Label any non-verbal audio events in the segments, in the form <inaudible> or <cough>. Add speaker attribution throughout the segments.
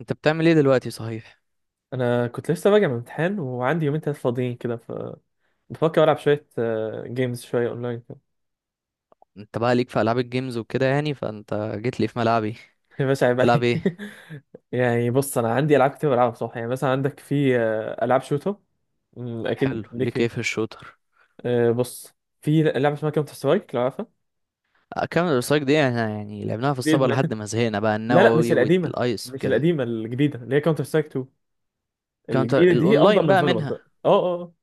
Speaker 1: انت بتعمل ايه دلوقتي صحيح؟
Speaker 2: انا كنت لسه راجع من امتحان، وعندي يومين تلاتة فاضيين كده، ف بفكر العب شويه جيمز شويه اونلاين كده.
Speaker 1: انت بقى ليك في العاب الجيمز وكده، يعني فانت جيت لي في ملعبي.
Speaker 2: <laughs> يا باشا عيب
Speaker 1: تلعب
Speaker 2: عليك.
Speaker 1: ايه؟
Speaker 2: <laughs> يعني بص، انا عندي العاب كتير بلعبها بصراحه. يعني مثلا عندك في العاب شوتر. اكيد
Speaker 1: حلو،
Speaker 2: ليك
Speaker 1: ليك
Speaker 2: فيها.
Speaker 1: ايه في الشوتر؟
Speaker 2: بص، في لعبه اسمها كاونتر سترايك، لو عارفها.
Speaker 1: كاونتر سترايك دي احنا يعني لعبناها في
Speaker 2: دي
Speaker 1: الصبر لحد
Speaker 2: إدمان.
Speaker 1: ما زهقنا بقى
Speaker 2: <laughs> لا لا، مش
Speaker 1: النووي
Speaker 2: القديمه،
Speaker 1: والايس
Speaker 2: مش
Speaker 1: وكده.
Speaker 2: القديمه، الجديده اللي هي كاونتر سترايك 2.
Speaker 1: كاونتر
Speaker 2: الجديده دي افضل
Speaker 1: الاونلاين
Speaker 2: من
Speaker 1: بقى
Speaker 2: فالورانت
Speaker 1: منها.
Speaker 2: اه اه آه.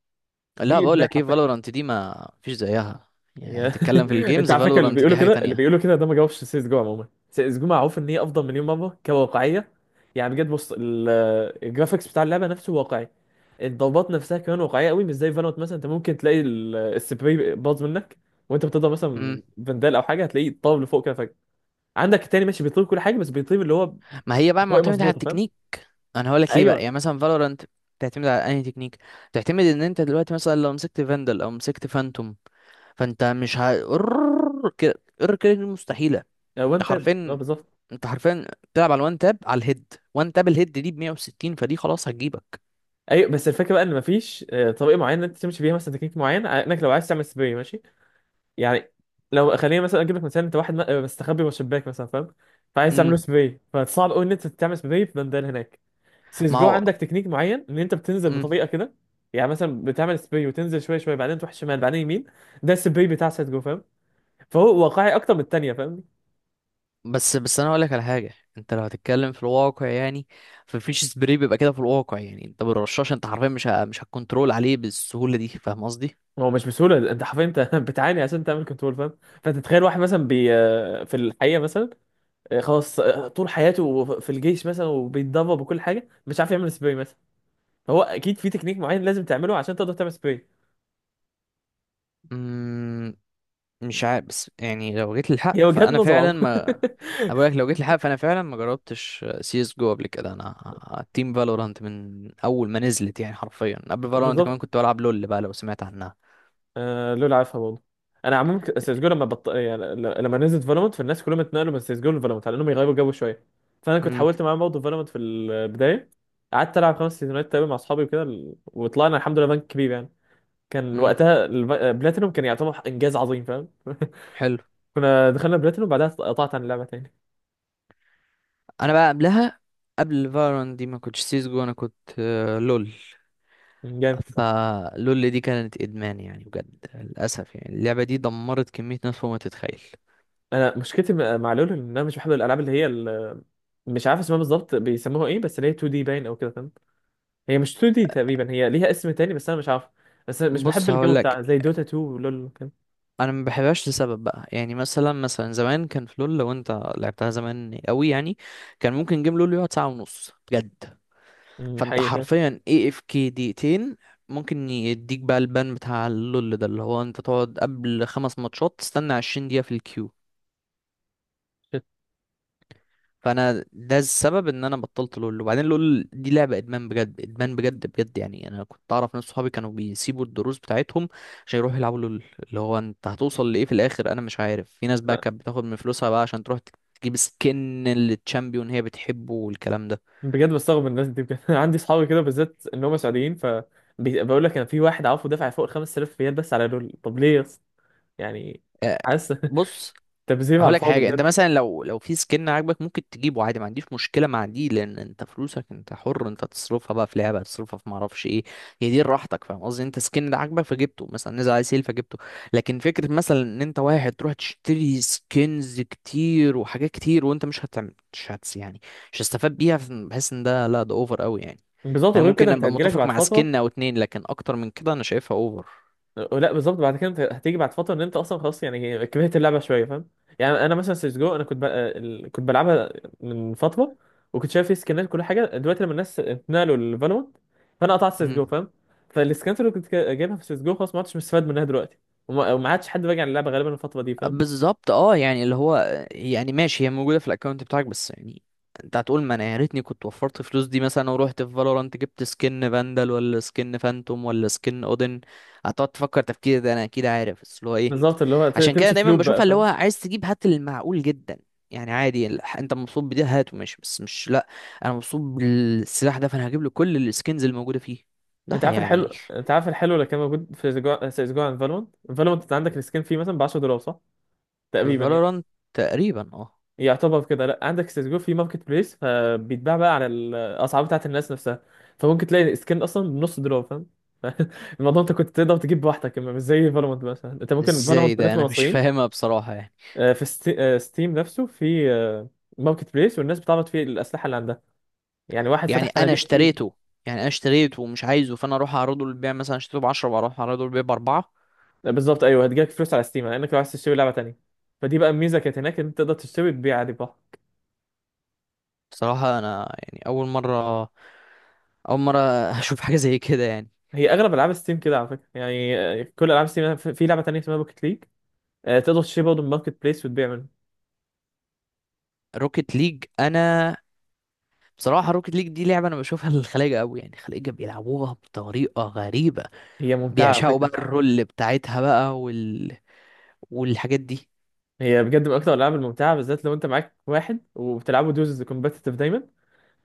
Speaker 1: لا،
Speaker 2: دي
Speaker 1: بقول
Speaker 2: ادمان
Speaker 1: لك ايه،
Speaker 2: حرفيا.
Speaker 1: فالورانت دي ما فيش زيها. يعني
Speaker 2: يا-
Speaker 1: تتكلم في
Speaker 2: <laughs> انت
Speaker 1: الجيمز،
Speaker 2: على فكره، اللي
Speaker 1: فالورانت دي
Speaker 2: بيقولوا
Speaker 1: حاجة
Speaker 2: كده اللي
Speaker 1: تانية.
Speaker 2: بيقولوا كده ده ما جاوبش سي اس جو. عموما سي اس جو معروف ان هي افضل مليون مره كواقعيه. يعني بجد بص، الجرافيكس بتاع اللعبه نفسه واقعي. الضربات نفسها كمان واقعيه قوي، مش زي فالوت. مثلا انت ممكن تلاقي السبراي باظ منك وانت بتضرب، مثلا
Speaker 1: امم.
Speaker 2: فندال او حاجه، هتلاقيه طار لفوق كده فجاه. عندك التاني ماشي بيطير كل حاجه، بس بيطير اللي هو
Speaker 1: ما هي بقى
Speaker 2: طريقه
Speaker 1: معتمدة على
Speaker 2: مظبوطه، فاهم؟
Speaker 1: التكنيك. انا هقول لك ليه بقى، يعني
Speaker 2: ايوه.
Speaker 1: مثلا فالورانت تعتمد على انهي تكنيك. تعتمد ان انت دلوقتي مثلا لو مسكت فاندل او مسكت فانتوم، فانت مش ه... قرر كده. قرر كده دي مستحيله.
Speaker 2: هو
Speaker 1: انت
Speaker 2: انت اه
Speaker 1: حرفيا
Speaker 2: بالظبط.
Speaker 1: انت حرفيا بتلعب على الوان تاب، على الهيد، وان تاب الهيد دي ب 160، فدي خلاص هتجيبك.
Speaker 2: ايوه بس الفكره بقى ان مفيش طريقه معينه انت تمشي بيها، مثلا تكنيك معين، انك لو عايز تعمل سبراي ماشي. يعني لو خلينا مثلا اجيب لك مثال، انت واحد مستخبي جوه شباك مثلا، فاهم؟ فعايز تعمل له
Speaker 1: امم.
Speaker 2: سبراي، فصعب قوي ان انت تعمل سبراي في بندان هناك. سيس
Speaker 1: ما
Speaker 2: جو
Speaker 1: هو.
Speaker 2: عندك تكنيك معين، ان انت بتنزل
Speaker 1: امم.
Speaker 2: بطريقه كده. يعني مثلا بتعمل سبراي وتنزل شويه شويه، بعدين تروح شمال، بعدين يمين. ده السبراي بتاع سيس جو، فاهم؟ فهو واقعي اكتر من الثانيه، فاهمني؟
Speaker 1: بس انا هقول لك على حاجه، انت لو هتتكلم في الواقع يعني، فمفيش سبري بيبقى كده في الواقع، يعني انت بالرشاش انت حرفيا مش هتكنترول عليه بالسهوله دي، فاهم قصدي؟
Speaker 2: هو مش بسهوله، انت حرفيا انت <laughs> بتعاني عشان تعمل كنترول، فاهم؟ فانت تخيل واحد مثلا في الحقيقه، مثلا خلاص طول حياته في الجيش مثلا، وبيتدرب، وكل حاجه، مش عارف يعمل سبراي. مثلا هو اكيد في تكنيك معين لازم تعمله عشان تقدر تعمل سبراي.
Speaker 1: امم. مش عارف، بس يعني لو جيت للحق
Speaker 2: هي وجهات
Speaker 1: فانا
Speaker 2: نظر
Speaker 1: فعلا
Speaker 2: عموما.
Speaker 1: ما... أنا بقولك، لو جيت للحق فانا فعلا ما جربتش سي اس جو قبل كده. انا تيم فالورانت من اول ما نزلت، يعني حرفيا قبل
Speaker 2: <laughs>
Speaker 1: فالورانت كمان
Speaker 2: بالظبط.
Speaker 1: كنت بلعب لول بقى، لو سمعت عنها.
Speaker 2: آه لول عارفها برضه. انا عموما سيسجو يعني لما نزلت فالومنت، فالناس كلهم اتنقلوا من سيسجو لفالومنت على انهم يغيروا جو شويه. فانا كنت
Speaker 1: امم.
Speaker 2: حاولت معاهم برضه فالومنت في البدايه. قعدت العب خمس سيزونات تقريبا مع اصحابي وكده، وطلعنا الحمد لله بنك كبير يعني. كان
Speaker 1: امم.
Speaker 2: وقتها بلاتينوم كان يعتبر انجاز عظيم، فاهم؟ <laughs>
Speaker 1: حلو.
Speaker 2: كنا دخلنا بلاتينوم، بعدها قطعت عن اللعبه تاني.
Speaker 1: انا بقى قبلها، قبل فالورانت دي ما كنتش سي اس جو، انا كنت لول.
Speaker 2: جامد.
Speaker 1: فلول دي كانت ادمان يعني، بجد للاسف يعني، اللعبه دي دمرت كميه ناس فوق ما تتخيل.
Speaker 2: انا مشكلتي مع لولو، ان انا مش بحب الالعاب اللي هي مش عارف اسمها بالظبط، بيسموها ايه، بس اللي هي 2 دي باين او كده، فاهم؟ هي مش 2 دي تقريبا، هي ليها اسم تاني بس انا مش عارف. بس أنا مش
Speaker 1: بص
Speaker 2: بحب الجو
Speaker 1: هقولك،
Speaker 2: بتاع زي دوتا 2 ولول كده.
Speaker 1: انا ما بحبهاش لسبب بقى، يعني مثلا زمان كان في لول، لو انت لعبتها زمان قوي يعني كان ممكن جيم لول يقعد ساعه ونص بجد. فانت
Speaker 2: حقيقي.
Speaker 1: حرفيا اي اف كي دقيقتين، ممكن يديك بقى البان بتاع اللول ده، اللي هو انت تقعد قبل 5 ماتشات تستنى 20 دقيقه في الكيو.
Speaker 2: شت.
Speaker 1: فانا ده السبب ان انا بطلت لول. وبعدين لول دي لعبه ادمان بجد، ادمان بجد بجد يعني. انا كنت اعرف ناس صحابي كانوا بيسيبوا الدروس بتاعتهم عشان يروحوا يلعبوا لول. اللي هو انت هتوصل لايه في الاخر، انا مش عارف. في ناس بقى
Speaker 2: أنا
Speaker 1: كانت بتاخد من فلوسها بقى عشان تروح تجيب سكن للتشامبيون هي بتحبه والكلام ده.
Speaker 2: بجد بستغرب من الناس دي بجد. <laughs> أنا عندي اصحابي كده بالذات ان هم سعوديين، ف بقول لك، انا في واحد عارفه دافع فوق ال 5000 ريال بس على لول، طب ليه يا اسطى؟ يعني
Speaker 1: آه،
Speaker 2: حاسس.
Speaker 1: بص
Speaker 2: <laughs> تبذير على
Speaker 1: هقول لك
Speaker 2: الفاضي
Speaker 1: حاجه، انت
Speaker 2: بجد.
Speaker 1: مثلا لو في سكن عاجبك ممكن تجيبه عادي، ما عنديش مشكله مع دي لان انت فلوسك انت حر انت تصرفها بقى في لعبه، تصرفها في ما اعرفش ايه، هي دي راحتك، فاهم قصدي؟ انت سكن ده عاجبك فجبته، مثلا نزل عليه سيل فجبته. لكن فكره مثلا ان انت واحد تروح تشتري سكنز كتير وحاجات كتير، وانت مش هتعمل، مش هتس يعني، مش هتستفاد بيها، بحس ان ده لا، ده اوفر قوي يعني.
Speaker 2: بالظبط،
Speaker 1: انا
Speaker 2: وغير كده
Speaker 1: ممكن
Speaker 2: انت
Speaker 1: ابقى
Speaker 2: هتجيلك
Speaker 1: متفق
Speaker 2: بعد
Speaker 1: مع
Speaker 2: فتره.
Speaker 1: سكن او اتنين، لكن اكتر من كده انا شايفها اوفر.
Speaker 2: لا بالظبط، بعد كده انت هتيجي بعد فتره ان انت اصلا خلاص يعني كرهت اللعبه شويه، فاهم؟ يعني انا مثلا سيسجو، انا كنت بلعبها من فتره، وكنت شايف فيه سكنات كل حاجه. دلوقتي لما الناس اتنقلوا لفالورانت، فانا قطعت سيسجو، فاهم؟ فالسكنات اللي كنت جايبها في سيسجو خلاص ما عدتش مستفاد منها دلوقتي، وما عادش حد راجع للعبه غالبا الفتره دي، فاهم؟
Speaker 1: بالظبط اه، يعني اللي هو يعني ماشي، هي موجوده في الاكونت بتاعك، بس يعني انت هتقول ما انا يا ريتني كنت وفرت الفلوس دي مثلا، ورحت في فالورانت جبت سكن فاندال ولا سكن فانتوم ولا سكن اودن. هتقعد تفكر، تفكير ده انا اكيد عارف، بس اللي هو ايه؟
Speaker 2: بالظبط، اللي هو
Speaker 1: عشان كده
Speaker 2: تمشي في
Speaker 1: دايما
Speaker 2: لوب بقى،
Speaker 1: بشوفها اللي هو
Speaker 2: فاهم؟
Speaker 1: عايز تجيب هات المعقول جدا يعني. عادي ال- انت مبسوط بده هاته ماشي، بس مش لا، انا مبسوط بالسلاح ده فانا هجيب له كل السكنز الموجوده فيه، ده
Speaker 2: انت عارف
Speaker 1: يعني.
Speaker 2: الحلو انت عارف الحلو اللي كان موجود في سيسجو عن فالورانت. فالورانت انت عندك السكن فيه مثلا ب 10 دولار، صح؟ تقريبا يعني.
Speaker 1: فالورانت تقريبا اه.
Speaker 2: يعتبر كده لا، عندك سيسجو في ماركت بليس، فبيتباع بقى على الاسعار بتاعت الناس نفسها، فممكن تلاقي سكين اصلا بنص دولار، فاهم؟ <laughs> الموضوع انت كنت تقدر تجيب بوحدك، اما مش زي فالورانت مثلا. انت ممكن
Speaker 1: ازاي
Speaker 2: فالورانت
Speaker 1: ده،
Speaker 2: بالنسبه
Speaker 1: انا مش
Speaker 2: للمصريين،
Speaker 1: فاهمها بصراحه يعني.
Speaker 2: في ستيم نفسه في ماركت بليس، والناس بتعرض فيه الاسلحه اللي عندها. يعني واحد
Speaker 1: يعني
Speaker 2: فتح
Speaker 1: انا
Speaker 2: صناديق كتير.
Speaker 1: اشتريته، يعني انا اشتريته ومش عايزه، فانا اروح اعرضه للبيع، مثلا اشتريته ب 10 واروح اعرضه للبيع ب 4.
Speaker 2: بالظبط، ايوه هتجيلك فلوس على ستيم، لانك لو عايز تشتري لعبه تانيه. فدي بقى الميزه كانت هناك، ان انت تقدر تشتري وتبيع عادي براحتك.
Speaker 1: بصراحه انا يعني، اول مره <laughs> اشوف حاجه زي كده يعني.
Speaker 2: هي اغلب العاب ستيم كده على فكره. يعني كل العاب ستيم، في لعبه تانيه اسمها بوكيت ليج، تقدر تشتري برضه من ماركت بليس وتبيع منه.
Speaker 1: روكيت ليج، انا بصراحه روكيت ليج دي لعبه انا بشوفها للخلايجه قوي، يعني الخلايجه بيلعبوها بطريقه غريبه،
Speaker 2: هي ممتعة على
Speaker 1: بيعشقوا
Speaker 2: فكرة.
Speaker 1: بقى الرول بتاعتها بقى وال... والحاجات دي.
Speaker 2: هي بجد من أكتر الألعاب الممتعة، بالذات لو أنت معاك واحد وبتلعبوا دوزز كومبتيتيف دايما،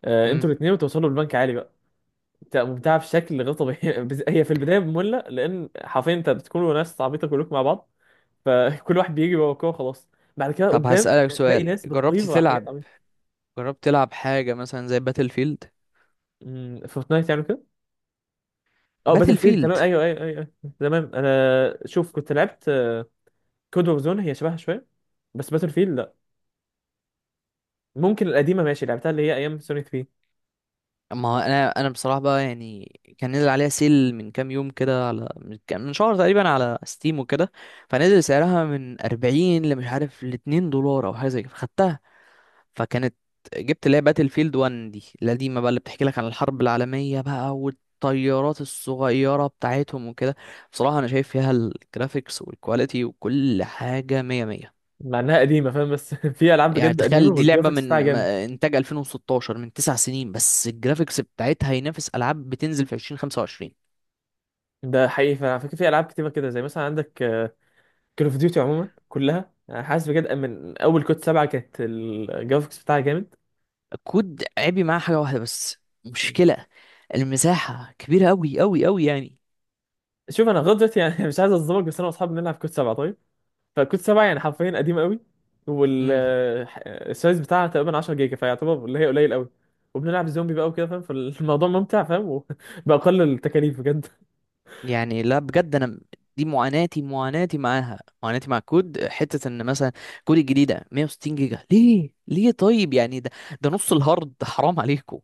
Speaker 1: امم.
Speaker 2: أنتوا الاتنين وتوصلوا لبنك عالي بقى. ممتعة بشكل غير طبيعي. <laughs> هي في البداية مملة، لأن حرفيا أنت بتكونوا ناس عبيطة كلكم مع بعض، فكل <laughs> واحد بيجي ورا الكورة خلاص. بعد كده
Speaker 1: طب
Speaker 2: قدام أنت
Speaker 1: هسألك
Speaker 2: هتلاقي
Speaker 1: سؤال،
Speaker 2: ناس بتطير ورا حاجات عبيطة.
Speaker 1: جربت تلعب حاجه مثلا زي باتل فيلد.
Speaker 2: فورتنايت يعني كده. اه باتل
Speaker 1: باتل
Speaker 2: فيلد
Speaker 1: فيلد،
Speaker 2: تمام، ايوه ايوه ايوه أيوة. تمام، انا شوف كنت لعبت كود اوف زون، هي شبهها شويه. بس باتل فيلد ممكن القديمه ماشي لعبتها، اللي هي ايام سوني 3.
Speaker 1: ما هو انا بصراحه بقى يعني، كان نزل عليها سيل من كام يوم كده، على من شهر تقريبا على ستيم وكده، فنزل سعرها من 40 لمش عارف ل 2 دولار او حاجه زي كده، فخدتها. فكانت جبت اللي هي باتل فيلد 1 دي القديمه بقى، اللي بتحكي لك عن الحرب العالميه بقى والطيارات الصغيره بتاعتهم وكده. بصراحه انا شايف فيها الجرافيكس والكواليتي وكل حاجه 100 100.
Speaker 2: مع انها قديمه، فاهم؟ بس <laughs> في العاب
Speaker 1: يعني
Speaker 2: بجد قديمه
Speaker 1: تخيل دي لعبة
Speaker 2: والجرافيكس بتاعها
Speaker 1: من
Speaker 2: جامده.
Speaker 1: إنتاج 2016، من 9 سنين، بس الجرافيكس بتاعتها ينافس ألعاب بتنزل في 2025.
Speaker 2: ده حقيقي فعلا، فاكر في العاب كتيره كده، زي مثلا عندك كول اوف ديوتي عموما كلها. أنا حاسس بجد من اول كود 7 كانت الجرافيكس بتاعها جامد.
Speaker 1: الكود عيبي معاه حاجة واحدة بس، مشكلة المساحة كبيرة أوي أوي أوي يعني.
Speaker 2: شوف انا لغايه دلوقتي يعني <laughs> مش عايز اظلمك، بس انا واصحابي بنلعب كود 7 طيب. فكود 7 يعني حرفيا قديم قوي،
Speaker 1: امم.
Speaker 2: والسايز <laughs> بتاعها تقريبا 10 جيجا، فيعتبر اللي هي قليل قوي. وبنلعب زومبي بقى وكده، فاهم؟ فالموضوع ممتع، فاهم؟ وبأقل <laughs> التكاليف.
Speaker 1: يعني لا بجد، دي معاناتي، معاناتي معاها معاناتي مع الكود، حتة إن مثلا كود الجديدة 160 جيجا، ليه ليه طيب يعني؟ ده نص الهارد، حرام عليكم.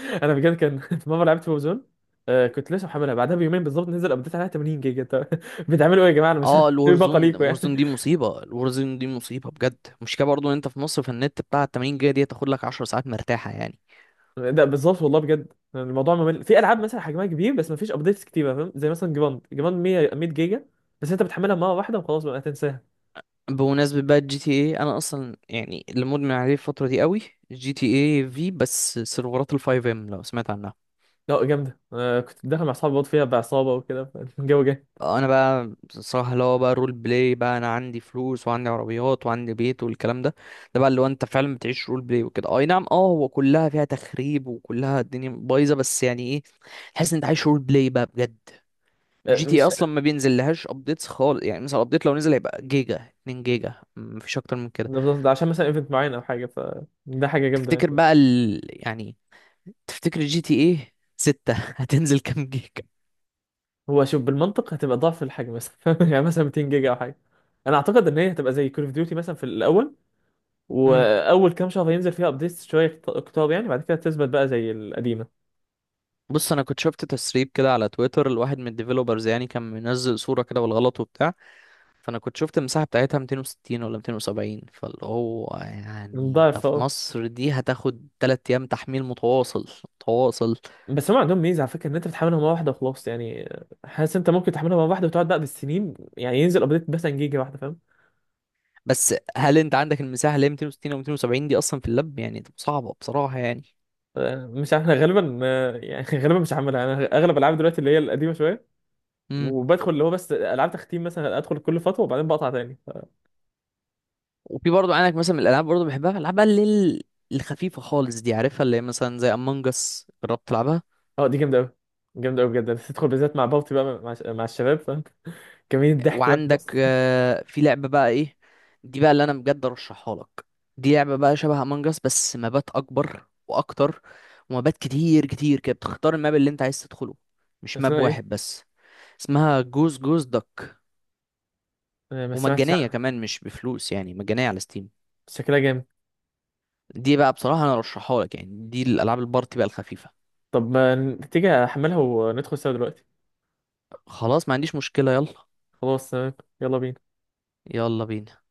Speaker 2: انا بجد كان <laughs> في مره لعبت وزون، آه كنت لسه محملها بعدها بيومين بالظبط، نزل ابديت عليها 80 جيجا. طب <laughs> بتعملوا ايه يا جماعه؟ انا مش <laughs> عارف
Speaker 1: اه
Speaker 2: إيه باقه
Speaker 1: الورزون،
Speaker 2: ليكوا يعني.
Speaker 1: الورزون دي مصيبة بجد، مشكلة برضو ان انت في مصر في النت بتاع 80 جيجا دي تاخد لك 10 ساعات مرتاحة يعني.
Speaker 2: ده بالظبط، والله بجد يعني الموضوع ممل. في العاب مثلا حجمها كبير بس ما فيش ابديتس كتيره، فاهم؟ زي مثلا جراند 100 100 جيجا، بس انت بتحملها مره واحده وخلاص، بقى هتنساها.
Speaker 1: بمناسبة بقى الجي تي اي، انا اصلا يعني اللي مدمن عليه الفترة دي قوي. جي تي اي في بس سيرفرات الفايف ام، لو سمعت عنها.
Speaker 2: لا جامده، آه كنت داخل مع اصحابي برضه فيها بعصابه وكده، فالجو جاي.
Speaker 1: انا بقى صراحة اللي هو بقى رول بلاي بقى، انا عندي فلوس وعندي عربيات وعندي بيت والكلام ده. ده بقى اللي هو انت فعلا بتعيش رول بلاي وكده، اي نعم اه، هو كلها فيها تخريب وكلها الدنيا بايظة، بس يعني ايه، تحس ان انت عايش رول بلاي بقى بجد.
Speaker 2: آه
Speaker 1: جي تي إيه
Speaker 2: مش
Speaker 1: اصلا ما بينزل لهاش ابديتس خالص، يعني مثلا ابديت لو نزل هيبقى جيجا، 2 جيجا مفيش اكتر من كده.
Speaker 2: بالظبط، ده عشان مثلا ايفنت معين او حاجه، فده حاجه جامده
Speaker 1: تفتكر
Speaker 2: يعني.
Speaker 1: بقى ال... يعني تفتكر جي تي ايه 6 <laughs> هتنزل كام جيجا؟
Speaker 2: هو شوف بالمنطق هتبقى ضعف الحجم مثلا، <laughs> يعني مثلا 200 جيجا او حاجه. انا اعتقد ان هي هتبقى زي كول اوف ديوتي مثلا في الاول،
Speaker 1: امم.
Speaker 2: واول كام شهر هينزل فيها ابديتس شويه كتار يعني، بعد كده تثبت بقى زي القديمه.
Speaker 1: بص انا كنت شفت تسريب كده على تويتر، الواحد من الديفيلوبرز يعني كان منزل صورة كده بالغلط وبتاع، فانا كنت شفت المساحة بتاعتها 260 ولا 270، فاللي هو يعني ده
Speaker 2: ضعف
Speaker 1: في
Speaker 2: اه،
Speaker 1: مصر دي هتاخد 3 ايام تحميل متواصل متواصل.
Speaker 2: بس هم عندهم ميزه على فكره، ان انت بتحملها مره واحده وخلاص يعني. حاسس انت ممكن تحملها مره واحده وتقعد بقى بالسنين يعني، ينزل ابديت مثلا جيجا واحده، فاهم؟
Speaker 1: بس هل انت عندك المساحه اللي هي 260 او 270 دي اصلا في اللاب؟ يعني تبقى صعبه بصراحه يعني.
Speaker 2: مش عارف، انا غالبا يعني <laughs> غالبا مش هعملها. انا اغلب العاب دلوقتي اللي هي القديمه شويه،
Speaker 1: امم.
Speaker 2: وبدخل اللي هو بس العاب تختيم. مثلا ادخل كل فتره وبعدين بقطع تاني.
Speaker 1: وفي برضه عندك مثلا من الالعاب برضه بحبها، العاب بقى اللي هي ال- الخفيفه خالص دي عارفها، اللي هي مثلا زي امong اس، جربت تلعبها؟
Speaker 2: اه دي جامده قوي، جامده قوي بجد، بس تدخل بالذات مع بابتي بقى، مع الشباب، فاهم؟ كمية الضحك بقى في النص.
Speaker 1: وعندك في لعبه بقى ايه، دي بقى اللي انا بجد ارشحها لك. دي لعبه بقى شبه امong اس بس مابات اكبر واكتر، ومابات كتير كتير كده بتختار الماب اللي انت عايز تدخله،
Speaker 2: <laughs>
Speaker 1: مش ماب
Speaker 2: اسمها
Speaker 1: واحد
Speaker 2: ايه؟
Speaker 1: بس. اسمها جوز جوز دك.
Speaker 2: ما سمعتش
Speaker 1: ومجانيه
Speaker 2: عنها.
Speaker 1: كمان مش بفلوس، يعني مجانيه على ستيم.
Speaker 2: شكلها جامد.
Speaker 1: دي بقى بصراحة انا ارشحها لك يعني، دي الالعاب البارتي بقى الخفيفة.
Speaker 2: طب ما تيجي احملها وندخل سوا دلوقتي.
Speaker 1: خلاص ما عنديش مشكلة، يلا.
Speaker 2: خلاص تمام. يلا بينا.
Speaker 1: يلا بينا.